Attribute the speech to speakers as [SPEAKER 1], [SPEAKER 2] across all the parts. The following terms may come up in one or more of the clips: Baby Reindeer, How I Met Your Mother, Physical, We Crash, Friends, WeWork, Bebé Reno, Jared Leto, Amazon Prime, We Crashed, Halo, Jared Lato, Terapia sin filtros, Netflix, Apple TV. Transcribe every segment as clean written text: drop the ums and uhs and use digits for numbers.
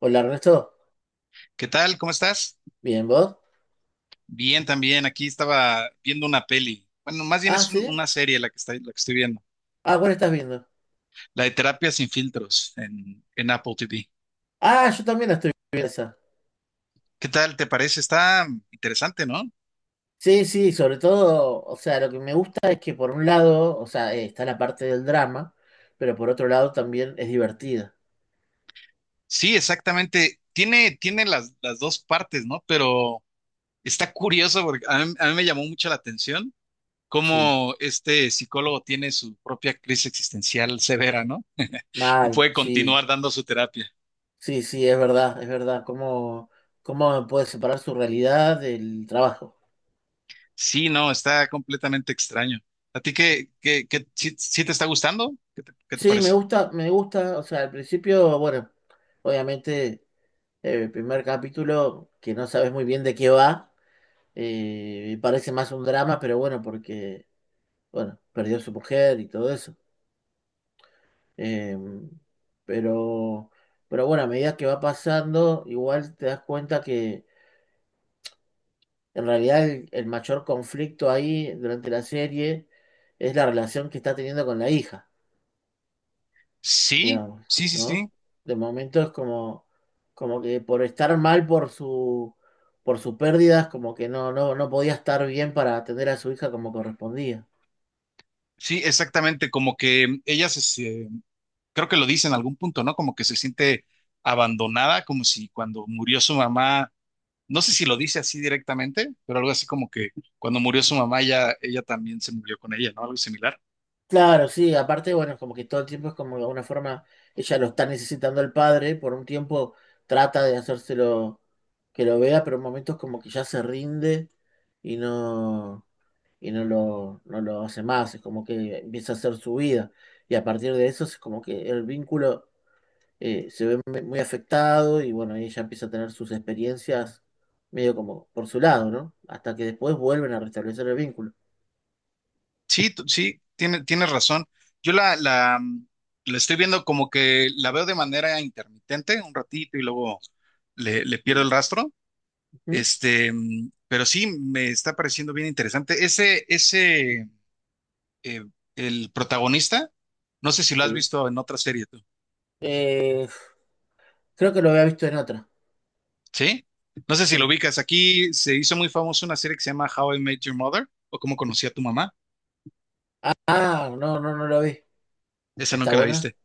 [SPEAKER 1] Hola Ernesto,
[SPEAKER 2] ¿Qué tal? ¿Cómo estás?
[SPEAKER 1] ¿bien vos?
[SPEAKER 2] Bien, también. Aquí estaba viendo una peli. Bueno, más bien
[SPEAKER 1] Ah,
[SPEAKER 2] es
[SPEAKER 1] sí.
[SPEAKER 2] una serie la que la que estoy viendo.
[SPEAKER 1] Ah, ¿cuál estás viendo?
[SPEAKER 2] La de Terapia sin filtros en Apple TV.
[SPEAKER 1] Ah, yo también la estoy viendo esa.
[SPEAKER 2] ¿Qué tal te parece? Está interesante, ¿no?
[SPEAKER 1] Sí, sí, sobre todo, o sea, lo que me gusta es que por un lado, o sea, está la parte del drama, pero por otro lado también es divertida.
[SPEAKER 2] Sí, exactamente. Tiene las dos partes, ¿no? Pero está curioso porque a mí me llamó mucho la atención
[SPEAKER 1] Sí,
[SPEAKER 2] cómo este psicólogo tiene su propia crisis existencial severa, ¿no? Y
[SPEAKER 1] mal,
[SPEAKER 2] puede
[SPEAKER 1] sí,
[SPEAKER 2] continuar dando su terapia.
[SPEAKER 1] sí, sí, es verdad, es verdad. ¿Cómo, cómo puede separar su realidad del trabajo?
[SPEAKER 2] Sí, no, está completamente extraño. ¿A ti sí te está gustando? ¿Qué qué te
[SPEAKER 1] Sí,
[SPEAKER 2] parece?
[SPEAKER 1] me gusta, o sea, al principio, bueno, obviamente, el primer capítulo que no sabes muy bien de qué va. Y parece más un drama, pero bueno, porque, bueno, perdió a su mujer y todo eso. Eh, pero, pero bueno, a medida que va pasando, igual te das cuenta que en realidad el mayor conflicto ahí durante la serie es la relación que está teniendo con la hija,
[SPEAKER 2] Sí,
[SPEAKER 1] digamos,
[SPEAKER 2] sí, sí,
[SPEAKER 1] ¿no?
[SPEAKER 2] sí.
[SPEAKER 1] De momento es como, como que por estar mal por su pérdida, es como que no, no, no podía estar bien para atender a su hija como correspondía.
[SPEAKER 2] Sí, exactamente. Como que ella creo que lo dice en algún punto, ¿no? Como que se siente abandonada, como si cuando murió su mamá, no sé si lo dice así directamente, pero algo así como que cuando murió su mamá, ya ella también se murió con ella, ¿no? Algo similar.
[SPEAKER 1] Claro, sí, aparte, bueno, es como que todo el tiempo es como de alguna forma ella lo está necesitando el padre, por un tiempo trata de hacérselo que lo vea, pero en momentos como que ya se rinde y no, y no lo, no lo hace más, es como que empieza a hacer su vida. Y a partir de eso es como que el vínculo se ve muy muy afectado y bueno, ella empieza a tener sus experiencias medio como por su lado, ¿no? Hasta que después vuelven a restablecer el vínculo.
[SPEAKER 2] Sí, sí, tienes razón. Yo la estoy viendo como que la veo de manera intermitente un ratito y luego le pierdo el
[SPEAKER 1] Bien.
[SPEAKER 2] rastro.
[SPEAKER 1] Ujú,
[SPEAKER 2] Pero sí, me está pareciendo bien interesante. Eh, el protagonista, no sé si lo has
[SPEAKER 1] sí.
[SPEAKER 2] visto en otra serie tú,
[SPEAKER 1] Eh, Creo que lo había visto en otra.
[SPEAKER 2] ¿sí? No sé si lo
[SPEAKER 1] Sí.
[SPEAKER 2] ubicas. Aquí se hizo muy famosa una serie que se llama How I Met Your Mother o Cómo conocí a tu mamá.
[SPEAKER 1] Ah, ah, no, no, no lo vi.
[SPEAKER 2] Esa
[SPEAKER 1] ¿Está
[SPEAKER 2] nunca la
[SPEAKER 1] buena?
[SPEAKER 2] viste.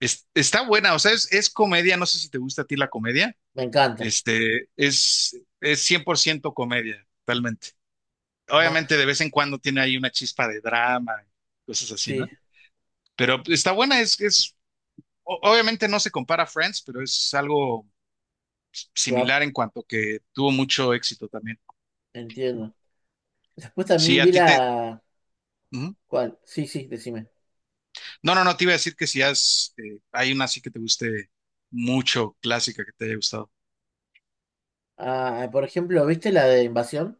[SPEAKER 2] Está buena, o sea, es comedia, no sé si te gusta a ti la comedia.
[SPEAKER 1] Me encanta.
[SPEAKER 2] Es 100% comedia, totalmente.
[SPEAKER 1] Ajá.
[SPEAKER 2] Obviamente de vez en cuando tiene ahí una chispa de drama, cosas así, ¿no?
[SPEAKER 1] Sí,
[SPEAKER 2] Pero está buena, obviamente no se compara a Friends, pero es algo
[SPEAKER 1] va,
[SPEAKER 2] similar en cuanto que tuvo mucho éxito también.
[SPEAKER 1] entiendo. Después
[SPEAKER 2] Si
[SPEAKER 1] también
[SPEAKER 2] a
[SPEAKER 1] vi
[SPEAKER 2] ti te...
[SPEAKER 1] la...
[SPEAKER 2] Ujú.
[SPEAKER 1] ¿Cuál? Sí, sí, decime.
[SPEAKER 2] No, no, no, te iba a decir que si has, hay una así que te guste mucho, clásica, que te haya gustado.
[SPEAKER 1] Ah, por ejemplo, ¿viste la de Invasión?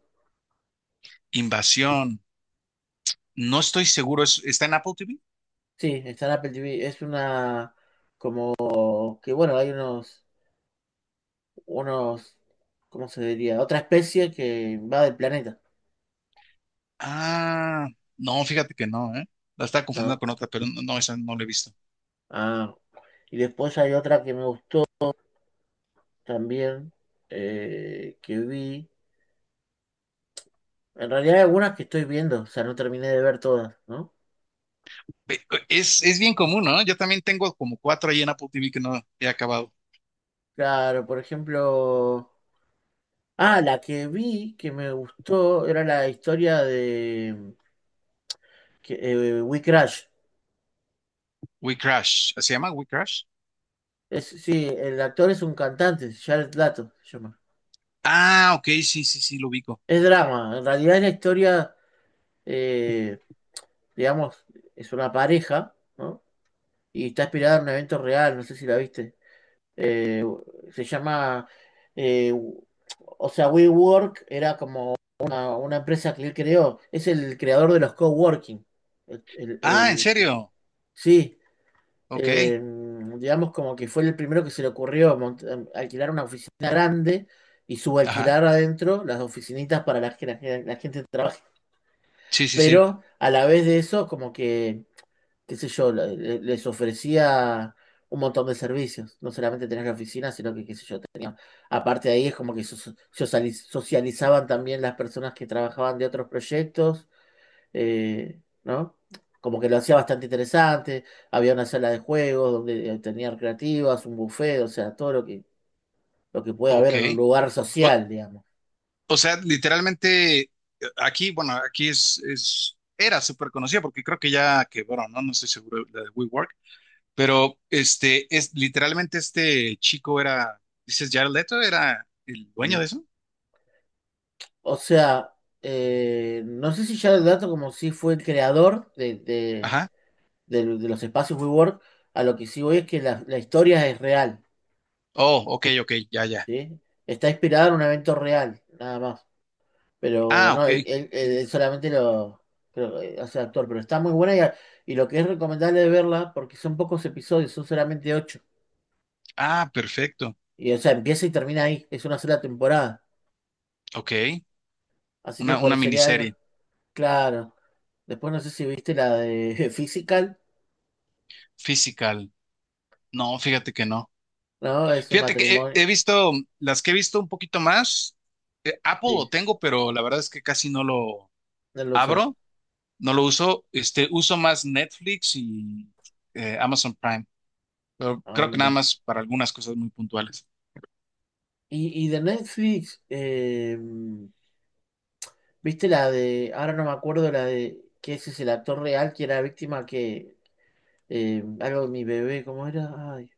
[SPEAKER 2] Invasión, no estoy seguro, ¿está en Apple TV?
[SPEAKER 1] Sí, está en Apple TV. Es una como que, bueno, hay unos, unos, ¿cómo se diría? Otra especie que va del planeta,
[SPEAKER 2] Ah, no, fíjate que no, ¿eh? La estaba confundiendo
[SPEAKER 1] ¿no?
[SPEAKER 2] con otra, pero no, no, esa no la he visto.
[SPEAKER 1] Ah, y después hay otra que me gustó también, que vi. En realidad hay algunas que estoy viendo, o sea, no terminé de ver todas, ¿no?
[SPEAKER 2] Ve- es bien común, ¿no? Yo también tengo como cuatro ahí en Apple TV que no he acabado.
[SPEAKER 1] Claro, por ejemplo... Ah, la que vi que me gustó era la historia de que, We Crash.
[SPEAKER 2] We Crash, ¿se llama We Crash?
[SPEAKER 1] Es, sí, el actor es un cantante, Jared Lato se llama.
[SPEAKER 2] Ah, ok, sí, sí, sí, lo ubico.
[SPEAKER 1] Es drama, en realidad es la historia, eh, digamos, es una pareja, ¿no? Y está inspirada en un evento real, no sé si la viste. eh, se llama, eh, o sea, WeWork era como una empresa que él creó, es el creador de los coworking. El- el-
[SPEAKER 2] Ah, ¿en
[SPEAKER 1] el-
[SPEAKER 2] serio?
[SPEAKER 1] sí,
[SPEAKER 2] Ok,
[SPEAKER 1] eh, digamos como que fue el primero que se le ocurrió alquilar una oficina grande y
[SPEAKER 2] ajá,
[SPEAKER 1] subalquilar adentro las oficinitas para la, que la, la gente trabaje.
[SPEAKER 2] sí, sí, sí,
[SPEAKER 1] Pero a la vez de eso, como que, qué sé yo, les ofrecía un montón de servicios. No solamente tener la oficina, sino que, qué sé yo, aparte de ahí es como que socializaban también las personas que trabajaban de otros proyectos, ¿no? Como que lo hacía bastante interesante. Había una sala de juegos donde tenían creativas, un buffet, o sea, todo lo que puede
[SPEAKER 2] ok.
[SPEAKER 1] haber en un lugar
[SPEAKER 2] O,
[SPEAKER 1] social, digamos.
[SPEAKER 2] o sea, literalmente, aquí, bueno, aquí es, era súper conocida porque creo que ya quebró, ¿no? No estoy seguro, la de... Pero es literalmente este chico era, dices, Jared Leto era el dueño de
[SPEAKER 1] ¿Sí?
[SPEAKER 2] eso.
[SPEAKER 1] O sea, no sé si ya el dato como si fue el creador de,
[SPEAKER 2] Ajá.
[SPEAKER 1] de los espacios WeWork, a lo que sí voy es que la historia es real,
[SPEAKER 2] Oh, ok, ok, ya, ya.
[SPEAKER 1] ¿sí? Está inspirada en un evento real, nada más. Pero
[SPEAKER 2] Ah,
[SPEAKER 1] no,
[SPEAKER 2] ok.
[SPEAKER 1] él,
[SPEAKER 2] Mm.
[SPEAKER 1] él solamente lo creo, hace actor, pero está muy buena y, y lo que es recomendable de verla, porque son pocos episodios, son solamente ocho.
[SPEAKER 2] Ah, perfecto.
[SPEAKER 1] Y o sea, empieza y termina ahí, es una sola temporada.
[SPEAKER 2] Ok.
[SPEAKER 1] Así que por
[SPEAKER 2] Una
[SPEAKER 1] sería algo.
[SPEAKER 2] miniserie.
[SPEAKER 1] Claro. Después no sé si viste la de Physical,
[SPEAKER 2] Physical. No, fíjate que no.
[SPEAKER 1] ¿no? Es un
[SPEAKER 2] Fíjate que
[SPEAKER 1] matrimonio.
[SPEAKER 2] he visto, las que he visto un poquito más, Apple lo
[SPEAKER 1] Sí,
[SPEAKER 2] tengo, pero la verdad es que casi no lo
[SPEAKER 1] no lo usas.
[SPEAKER 2] abro, no lo uso. Uso más Netflix y Amazon Prime, pero
[SPEAKER 1] Ah,
[SPEAKER 2] creo que nada
[SPEAKER 1] mira.
[SPEAKER 2] más para algunas cosas muy puntuales.
[SPEAKER 1] Y de Netflix, ¿viste la de, ahora no me acuerdo la de, que ese es el actor real que era víctima que algo de mi bebé, ¿cómo era? Ay,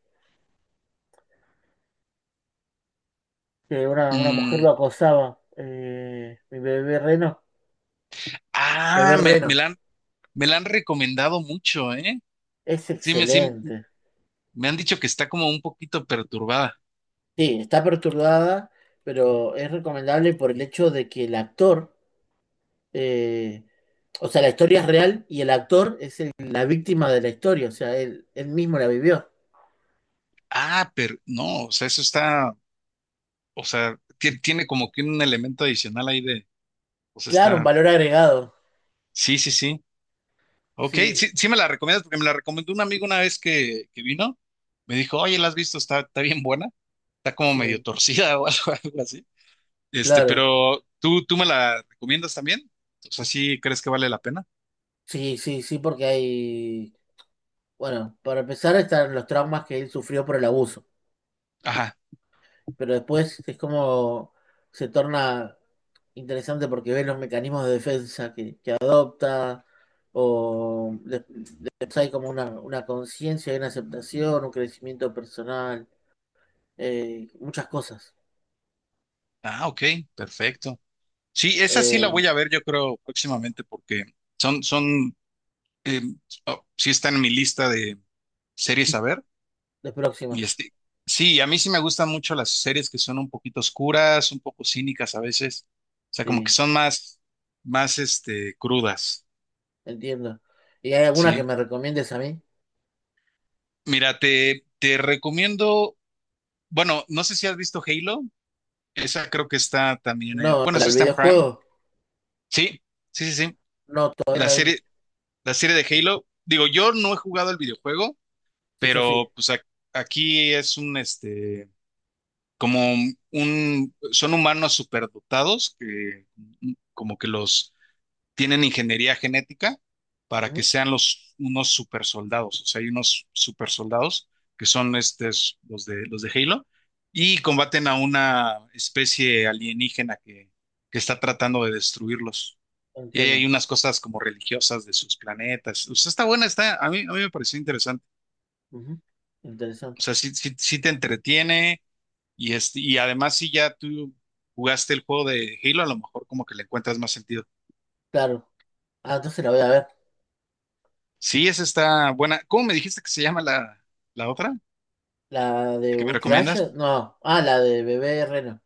[SPEAKER 1] que una mujer
[SPEAKER 2] Mm,
[SPEAKER 1] lo acosaba. Mi bebé reno. Bebé
[SPEAKER 2] ah,
[SPEAKER 1] reno.
[SPEAKER 2] me la han recomendado mucho, ¿eh?
[SPEAKER 1] Es
[SPEAKER 2] Sí, sí,
[SPEAKER 1] excelente.
[SPEAKER 2] me han dicho que está como un poquito perturbada.
[SPEAKER 1] Sí, está perturbada, pero es recomendable por el hecho de que el actor, eh, o sea, la historia es real y el actor es la víctima de la historia, o sea, él mismo la vivió.
[SPEAKER 2] Ah, pero no, o sea, eso está, o sea, tiene como que un elemento adicional ahí de, o sea,
[SPEAKER 1] Claro, un
[SPEAKER 2] está,
[SPEAKER 1] valor agregado.
[SPEAKER 2] sí, sí, sí. Ok,
[SPEAKER 1] Sí,
[SPEAKER 2] sí, sí me la recomiendas porque me la recomendó un amigo una vez que vino. Me dijo, oye, ¿la has visto? Está bien buena, está como medio
[SPEAKER 1] sí,
[SPEAKER 2] torcida o algo, algo así.
[SPEAKER 1] claro.
[SPEAKER 2] Pero tú me la recomiendas también. O sea, ¿sí crees que vale la pena?
[SPEAKER 1] Sí, sí, sí, porque hay, bueno, para empezar están los traumas que él sufrió por el abuso.
[SPEAKER 2] Ajá.
[SPEAKER 1] Pero después es como se torna interesante porque ves los mecanismos de defensa que adopta, o de- después hay como una conciencia, hay una aceptación, un crecimiento personal, muchas cosas
[SPEAKER 2] Ah, ok, perfecto. Sí, esa sí la
[SPEAKER 1] eh,
[SPEAKER 2] voy a ver, yo creo, próximamente, porque son, son, eh, oh, sí está en mi lista de series a ver.
[SPEAKER 1] de
[SPEAKER 2] Y
[SPEAKER 1] próximas,
[SPEAKER 2] sí, a mí sí me gustan mucho las series que son un poquito oscuras, un poco cínicas a veces. O sea, como que
[SPEAKER 1] sí,
[SPEAKER 2] son más, crudas.
[SPEAKER 1] entiendo. ¿Y hay alguna que
[SPEAKER 2] Sí.
[SPEAKER 1] me recomiendes a mí?
[SPEAKER 2] Mira, te recomiendo, bueno, no sé si has visto Halo. Esa creo que está también en,
[SPEAKER 1] No,
[SPEAKER 2] bueno,
[SPEAKER 1] ¿la
[SPEAKER 2] eso
[SPEAKER 1] del
[SPEAKER 2] está en Prime.
[SPEAKER 1] videojuego?
[SPEAKER 2] Sí, sí, sí, sí.
[SPEAKER 1] No, todavía
[SPEAKER 2] La
[SPEAKER 1] no la vi.
[SPEAKER 2] serie. La serie de Halo, digo, yo no he jugado el videojuego,
[SPEAKER 1] Sí, yo sí.
[SPEAKER 2] pero pues aquí es como un, son humanos superdotados que como que los tienen ingeniería genética para que
[SPEAKER 1] Ujú,
[SPEAKER 2] sean los, unos supersoldados, o sea, hay unos supersoldados que son estos, los de Halo, y combaten a una especie alienígena que está tratando de destruirlos. Y ahí
[SPEAKER 1] entiendo.
[SPEAKER 2] hay unas cosas como religiosas de sus planetas. O sea, está buena, está, a mí me pareció interesante.
[SPEAKER 1] Ujú,
[SPEAKER 2] O
[SPEAKER 1] interesante.
[SPEAKER 2] sea, sí, sí, sí te entretiene y, y además si ya tú jugaste el juego de Halo, a lo mejor como que le encuentras más sentido.
[SPEAKER 1] Claro. Ah, entonces la voy a ver.
[SPEAKER 2] Sí, esa está buena. ¿Cómo me dijiste que se llama la otra?
[SPEAKER 1] La de
[SPEAKER 2] ¿La que me
[SPEAKER 1] We Crashed,
[SPEAKER 2] recomiendas?
[SPEAKER 1] no, ah, la de Bebé Reno.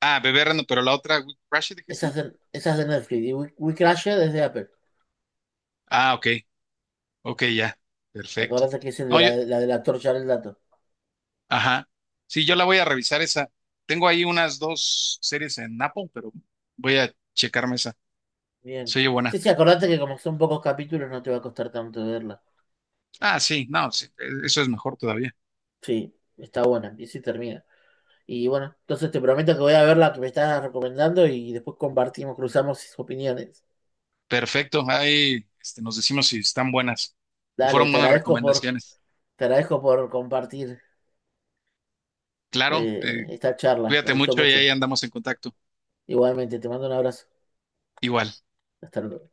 [SPEAKER 2] Ah, Bebé Reno, pero la otra, We Crash, dijiste.
[SPEAKER 1] Esa es de Netflix. Y We Crashed es de Apple.
[SPEAKER 2] Ah, ok, ok, ya, perfecto.
[SPEAKER 1] Acordate que es el de
[SPEAKER 2] No,
[SPEAKER 1] la,
[SPEAKER 2] yo,
[SPEAKER 1] la de la torcha del dato.
[SPEAKER 2] ajá. Sí, yo la voy a revisar esa. Tengo ahí unas dos series en Apple, pero voy a checarme esa.
[SPEAKER 1] Bien.
[SPEAKER 2] Se oye buena.
[SPEAKER 1] Sí, sí, acordate que como son pocos capítulos no te va a costar tanto verla.
[SPEAKER 2] Ah, sí, no, sí, eso es mejor todavía.
[SPEAKER 1] Sí, está buena. Y sí termina. Y bueno, entonces te prometo que voy a ver la que me estás recomendando y después compartimos, cruzamos opiniones.
[SPEAKER 2] Perfecto, ahí nos decimos si están buenas. Y
[SPEAKER 1] Dale,
[SPEAKER 2] fueron buenas recomendaciones.
[SPEAKER 1] te agradezco por compartir
[SPEAKER 2] Claro,
[SPEAKER 1] esta charla. Me
[SPEAKER 2] cuídate
[SPEAKER 1] gustó
[SPEAKER 2] mucho y
[SPEAKER 1] mucho.
[SPEAKER 2] ahí andamos en contacto.
[SPEAKER 1] Igualmente, te mando un abrazo.
[SPEAKER 2] Igual.
[SPEAKER 1] Hasta luego.